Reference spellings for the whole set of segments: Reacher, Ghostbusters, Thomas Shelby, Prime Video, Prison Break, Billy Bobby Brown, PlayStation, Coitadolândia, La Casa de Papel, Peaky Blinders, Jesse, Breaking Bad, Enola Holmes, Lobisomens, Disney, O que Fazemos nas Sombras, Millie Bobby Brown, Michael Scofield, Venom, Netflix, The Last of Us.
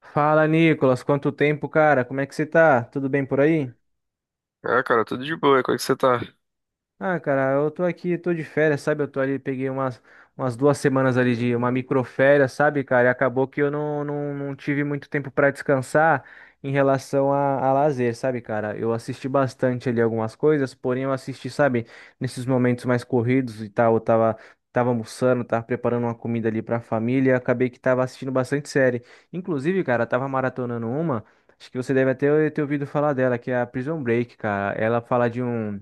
Fala, Nicolas. Quanto tempo, cara? Como é que você tá? Tudo bem por aí? Ah, cara, tudo de boa. Como é que você tá? Ah, cara, eu tô aqui, tô de férias, sabe? Eu tô ali, peguei umas duas semanas ali de uma microférias, sabe, cara? E acabou que eu não tive muito tempo pra descansar em relação a lazer, sabe, cara? Eu assisti bastante ali algumas coisas, porém eu assisti, sabe, nesses momentos mais corridos e tal, tava almoçando, tava preparando uma comida ali pra família, e acabei que tava assistindo bastante série. Inclusive, cara, tava maratonando uma, acho que você deve até ter ouvido falar dela, que é a Prison Break, cara. Ela fala de um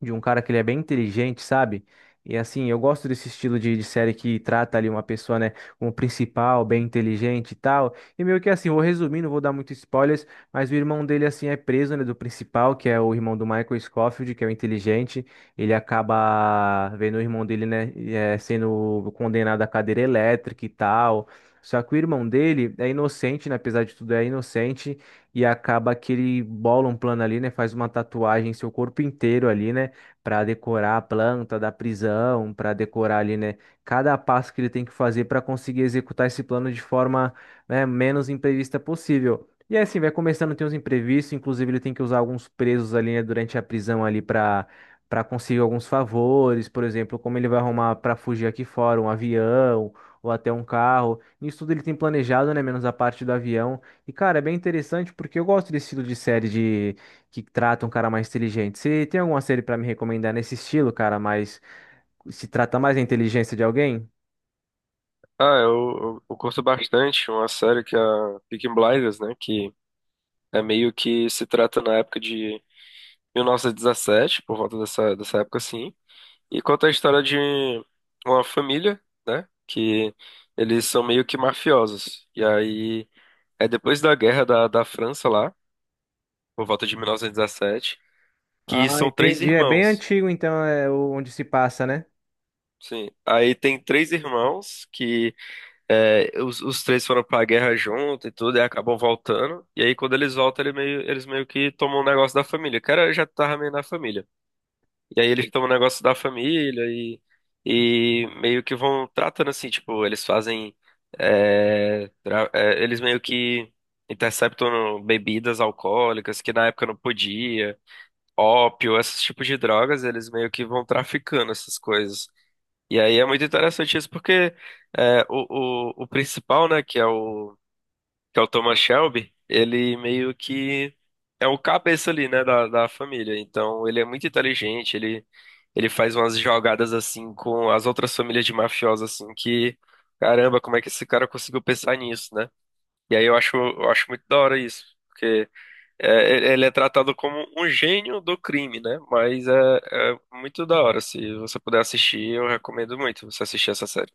de um cara que ele é bem inteligente, sabe? E assim, eu gosto desse estilo de série que trata ali uma pessoa, né, como principal, bem inteligente e tal. E meio que assim, vou resumir, não vou dar muito spoilers, mas o irmão dele, assim, é preso, né, do principal, que é o irmão do Michael Scofield, que é o inteligente. Ele acaba vendo o irmão dele, né, sendo condenado à cadeira elétrica e tal. Só que o irmão dele é inocente, né, apesar de tudo, é inocente e acaba que ele bola um plano ali, né? Faz uma tatuagem em seu corpo inteiro ali, né? Para decorar a planta da prisão, para decorar ali, né, cada passo que ele tem que fazer para conseguir executar esse plano de forma, né, menos imprevista possível. E aí, assim, vai começando a ter uns imprevistos, inclusive ele tem que usar alguns presos ali, né, durante a prisão ali para conseguir alguns favores, por exemplo, como ele vai arrumar para fugir aqui fora um avião ou até um carro. Isso tudo ele tem planejado, né, menos a parte do avião. E cara, é bem interessante porque eu gosto desse estilo de série de que trata um cara mais inteligente. Você tem alguma série pra me recomendar nesse estilo, cara, mas se trata mais da inteligência de alguém? Ah, eu curto bastante uma série que é a Peaky Blinders, né? Que é meio que se trata na época de 1917, por volta dessa época assim. E conta a história de uma família, né? Que eles são meio que mafiosos. E aí é depois da guerra da França lá, por volta de 1917, que Ah, são três entendi. É bem irmãos. antigo, então, é o- onde se passa, né? Sim, aí tem três irmãos que é, os três foram pra guerra junto e tudo, e acabam voltando. E aí, quando eles voltam, eles meio que tomam um negócio da família. O cara já tava meio na família. E aí, eles tomam um negócio da família e meio que vão tratando assim, tipo, eles fazem. Eles meio que interceptam bebidas alcoólicas que na época não podia, ópio, esses tipos de drogas, eles meio que vão traficando essas coisas. E aí é muito interessante isso, porque é, o principal, né, que é que é o Thomas Shelby, ele meio que é o cabeça ali, né, da família. Então ele é muito inteligente, ele faz umas jogadas assim com as outras famílias de mafiosos, assim, que caramba, como é que esse cara conseguiu pensar nisso, né? E aí eu acho muito da hora isso. É, ele é tratado como um gênio do crime, né? Mas é, é muito da hora. Se você puder assistir, eu recomendo muito você assistir essa série.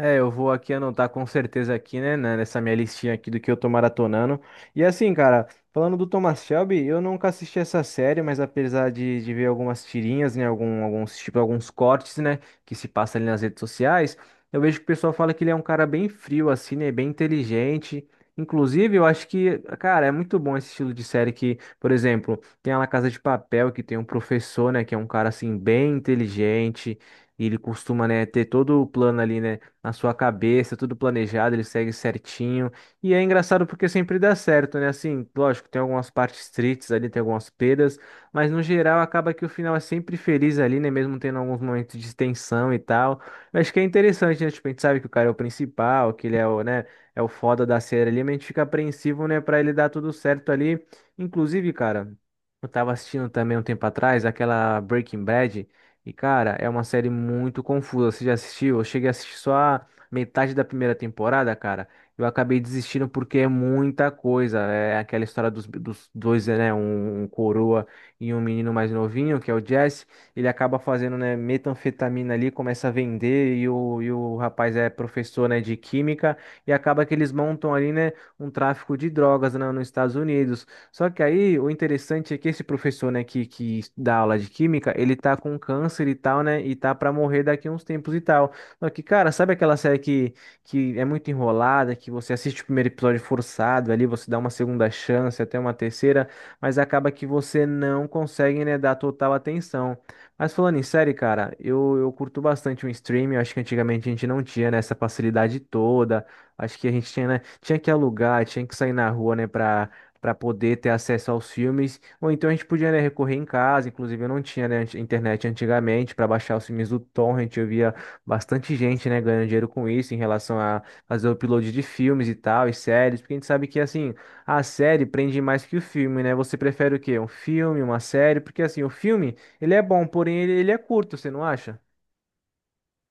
É, eu vou aqui anotar com certeza aqui, nessa minha listinha aqui do que eu tô maratonando. E assim, cara, falando do Thomas Shelby, eu nunca assisti essa série, mas apesar de ver algumas tirinhas, né, alguns cortes, né, que se passa ali nas redes sociais, eu vejo que o pessoal fala que ele é um cara bem frio, assim, né, bem inteligente. Inclusive, eu acho que, cara, é muito bom esse estilo de série que, por exemplo, tem a La Casa de Papel, que tem um professor, né, que é um cara, assim, bem inteligente, e ele costuma, né, ter todo o plano ali, né, na sua cabeça, tudo planejado, ele segue certinho. E é engraçado porque sempre dá certo, né? Assim, lógico, tem algumas partes tristes ali, tem algumas perdas, mas no geral acaba que o final é sempre feliz ali, né? Mesmo tendo alguns momentos de tensão e tal. Eu acho que é interessante, né? Tipo, a gente sabe que o cara é o principal, que ele é o, né? É o foda da série ali, mas a gente fica apreensivo, né? Pra ele dar tudo certo ali. Inclusive, cara. Eu tava assistindo também um tempo atrás aquela Breaking Bad. E, cara, é uma série muito confusa. Você já assistiu? Eu cheguei a assistir só a metade da primeira temporada, cara. Eu acabei desistindo porque é muita coisa. É aquela história dos dois, né? Um coroa e um menino mais novinho, que é o Jesse. Ele acaba fazendo, né, metanfetamina ali, começa a vender. E o rapaz é professor, né, de química. E acaba que eles montam ali, né, um tráfico de drogas, né, nos Estados Unidos. Só que aí o interessante é que esse professor, né, que dá aula de química, ele tá com câncer e tal, né, e tá pra morrer daqui a uns tempos e tal. Só que, cara, sabe aquela série que é muito enrolada, que você assiste o primeiro episódio forçado, ali você dá uma segunda chance, até uma terceira, mas acaba que você não consegue, né, dar total atenção. Mas falando em série, cara, eu curto bastante o streaming, eu acho que antigamente a gente não tinha, né, essa facilidade toda. Acho que a gente tinha, né, tinha que alugar, tinha que sair na rua, né, pra para poder ter acesso aos filmes. Ou então a gente podia, né, recorrer em casa, inclusive eu não tinha, né, anti- internet antigamente para baixar os filmes do Torrent, eu via bastante gente, né, ganhando dinheiro com isso em relação a fazer o upload de filmes e tal, e séries, porque a gente sabe que assim, a série prende mais que o filme, né? Você prefere o quê? Um filme, uma série? Porque assim, o filme, ele é bom, porém ele, ele é curto, você não acha?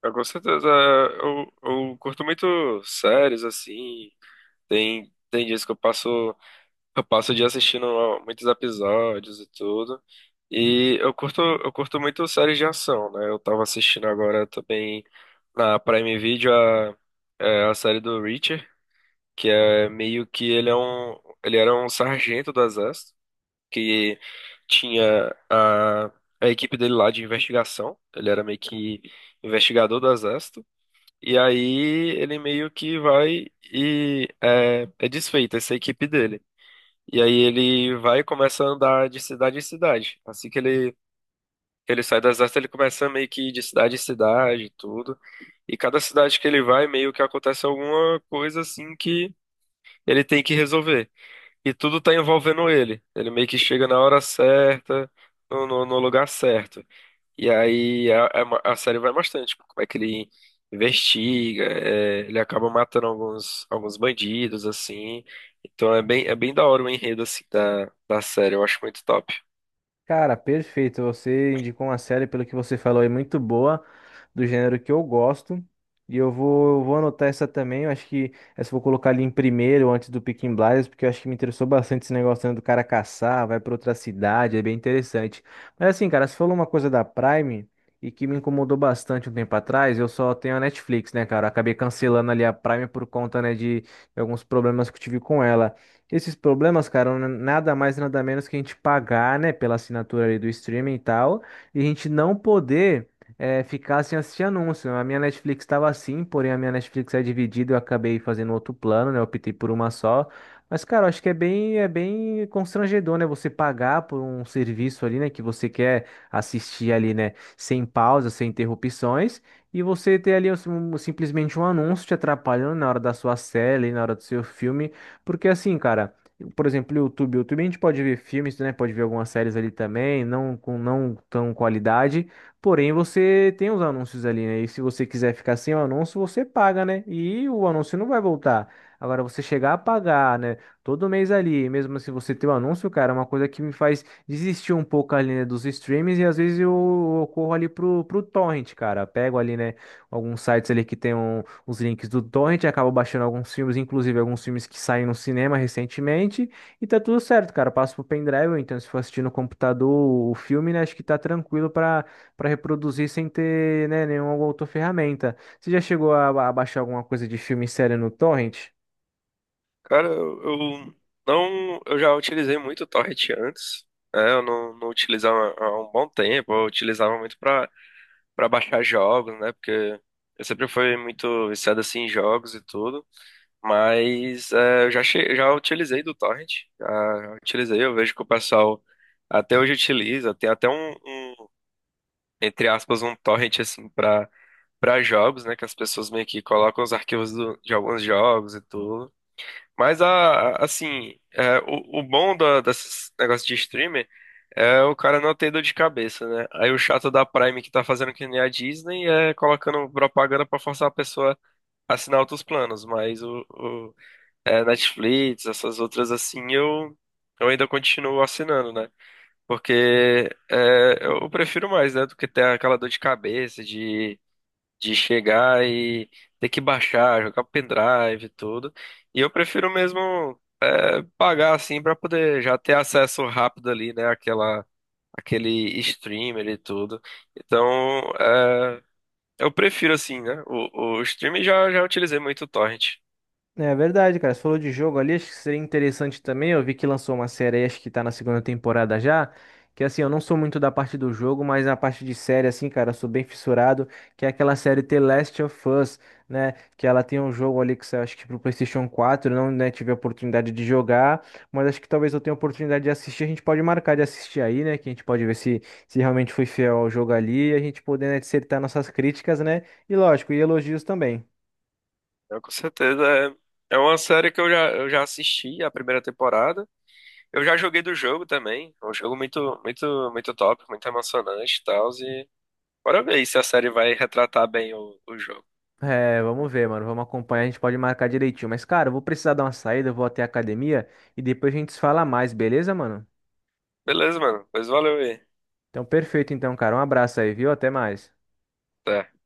Eu, com certeza, eu curto muito séries, assim. Tem dias que eu passo o dia assistindo muitos episódios e tudo. E eu curto muito séries de ação, né? Eu tava assistindo agora também na Prime Video a série do Reacher. Que é meio que ele é um, ele era um sargento do exército que tinha a equipe dele lá de investigação. Ele era meio que investigador do exército. E aí ele meio que vai e é desfeita essa equipe dele. E aí ele vai e começa a andar de cidade em cidade. Assim que Ele sai do exército, ele começa meio que ir de cidade em cidade, e tudo. E cada cidade que ele vai, meio que acontece alguma coisa assim que ele tem que resolver. E tudo tá envolvendo ele. Ele meio que chega na hora certa, no lugar certo. E aí a série vai bastante. Como é que ele investiga, é, ele acaba matando alguns, alguns bandidos, assim. Então é bem da hora o enredo, assim, da série. Eu acho muito top. Cara, perfeito. Você indicou uma série, pelo que você falou, é muito boa, do gênero que eu gosto. E eu vou anotar essa também. Eu acho que essa eu vou colocar ali em primeiro, antes do Peaky Blinders, porque eu acho que me interessou bastante esse negócio né, do cara caçar, vai pra outra cidade, é bem interessante. Mas assim, cara, você falou uma coisa da Prime e que me incomodou bastante um tempo atrás. Eu só tenho a Netflix, né, cara? Eu acabei cancelando ali a Prime por conta, né, de alguns problemas que eu tive com ela. Esses problemas, cara, n- nada mais nada menos que a gente pagar, né, pela assinatura ali do streaming e tal, e a gente não poder ficar sem assistir anúncio. A minha Netflix estava assim, porém a minha Netflix é dividida, eu acabei fazendo outro plano, né, eu optei por uma só. Mas, cara, eu acho que é é bem constrangedor, né, você pagar por um serviço ali, né, que você quer assistir ali, né, sem pausa, sem interrupções. E você ter ali assim, um- simplesmente um anúncio te atrapalhando na hora da sua série, na hora do seu filme. Porque assim, cara, por exemplo, o YouTube a gente pode ver filmes, né? Pode ver algumas séries ali também, não com não tão qualidade, porém você tem os anúncios ali, né? E se você quiser ficar sem o anúncio, você paga, né? E o anúncio não vai voltar. Agora você chegar a pagar, né? Todo mês ali, mesmo se você tem o anúncio, cara, é uma coisa que me faz desistir um pouco ali, né, dos streams e às vezes eu corro ali pro torrent, cara. Pego ali, né, alguns sites ali que tem um, os links do torrent, acabo baixando alguns filmes, inclusive alguns filmes que saem no cinema recentemente, e tá tudo certo, cara. Passo pro pendrive, então se for assistir no computador o filme, né, acho que tá tranquilo para reproduzir sem ter, né, nenhuma outra ferramenta. Você já chegou a baixar alguma coisa de filme e série no torrent? Cara, eu não... Eu já utilizei muito o Torrent antes. Né? Eu não, não utilizava há um bom tempo. Eu utilizava muito pra para baixar jogos, né? Porque eu sempre fui muito viciado assim em jogos e tudo, mas é, eu já che... já utilizei do torrent, já já utilizei, eu vejo que o pessoal até hoje utiliza, tem até um, entre aspas um torrent assim para jogos, né? Que as pessoas meio que colocam os arquivos de alguns jogos e tudo. Mas assim, é, o bom da, desses negócios de streamer é o cara não ter dor de cabeça, né? Aí o chato da Prime que tá fazendo que nem a Disney é colocando propaganda pra forçar a pessoa a assinar outros planos. Mas é, Netflix, essas outras assim, eu ainda continuo assinando, né? Porque é, eu prefiro mais, né? Do que ter aquela dor de cabeça de chegar e ter que baixar, jogar pendrive e tudo. E eu prefiro mesmo pagar assim pra poder já ter acesso rápido ali, né, àquela, aquele streamer e tudo. Então, é, eu prefiro assim, né? O streamer já utilizei muito o Torrent. É verdade, cara. Você falou de jogo ali, acho que seria interessante também. Eu vi que lançou uma série aí, acho que tá na segunda temporada já. Que assim, eu não sou muito da parte do jogo, mas na parte de série, assim, cara, eu sou bem fissurado. Que é aquela série The Last of Us, né? Que ela tem um jogo ali que saiu, acho que pro PlayStation 4. Não, né, tive a oportunidade de jogar, mas acho que talvez eu tenha a oportunidade de assistir. A gente pode marcar de assistir aí, né? Que a gente pode ver se, se realmente foi fiel ao jogo ali. E a gente poder, né, dissertar nossas críticas, né? E lógico, e elogios também. Então, com certeza é é uma série que eu já assisti a primeira temporada. Eu já joguei do jogo também. É um jogo muito, muito, muito top, muito emocionante e tal. E bora ver aí se a série vai retratar bem o jogo. É, vamos ver, mano. Vamos acompanhar, a gente pode marcar direitinho. Mas, cara, eu vou precisar dar uma saída, eu vou até a academia e depois a gente se fala mais, beleza, mano? Beleza, mano. Pois valeu aí. Então, perfeito, então, cara. Um abraço aí, viu? Até mais. Até.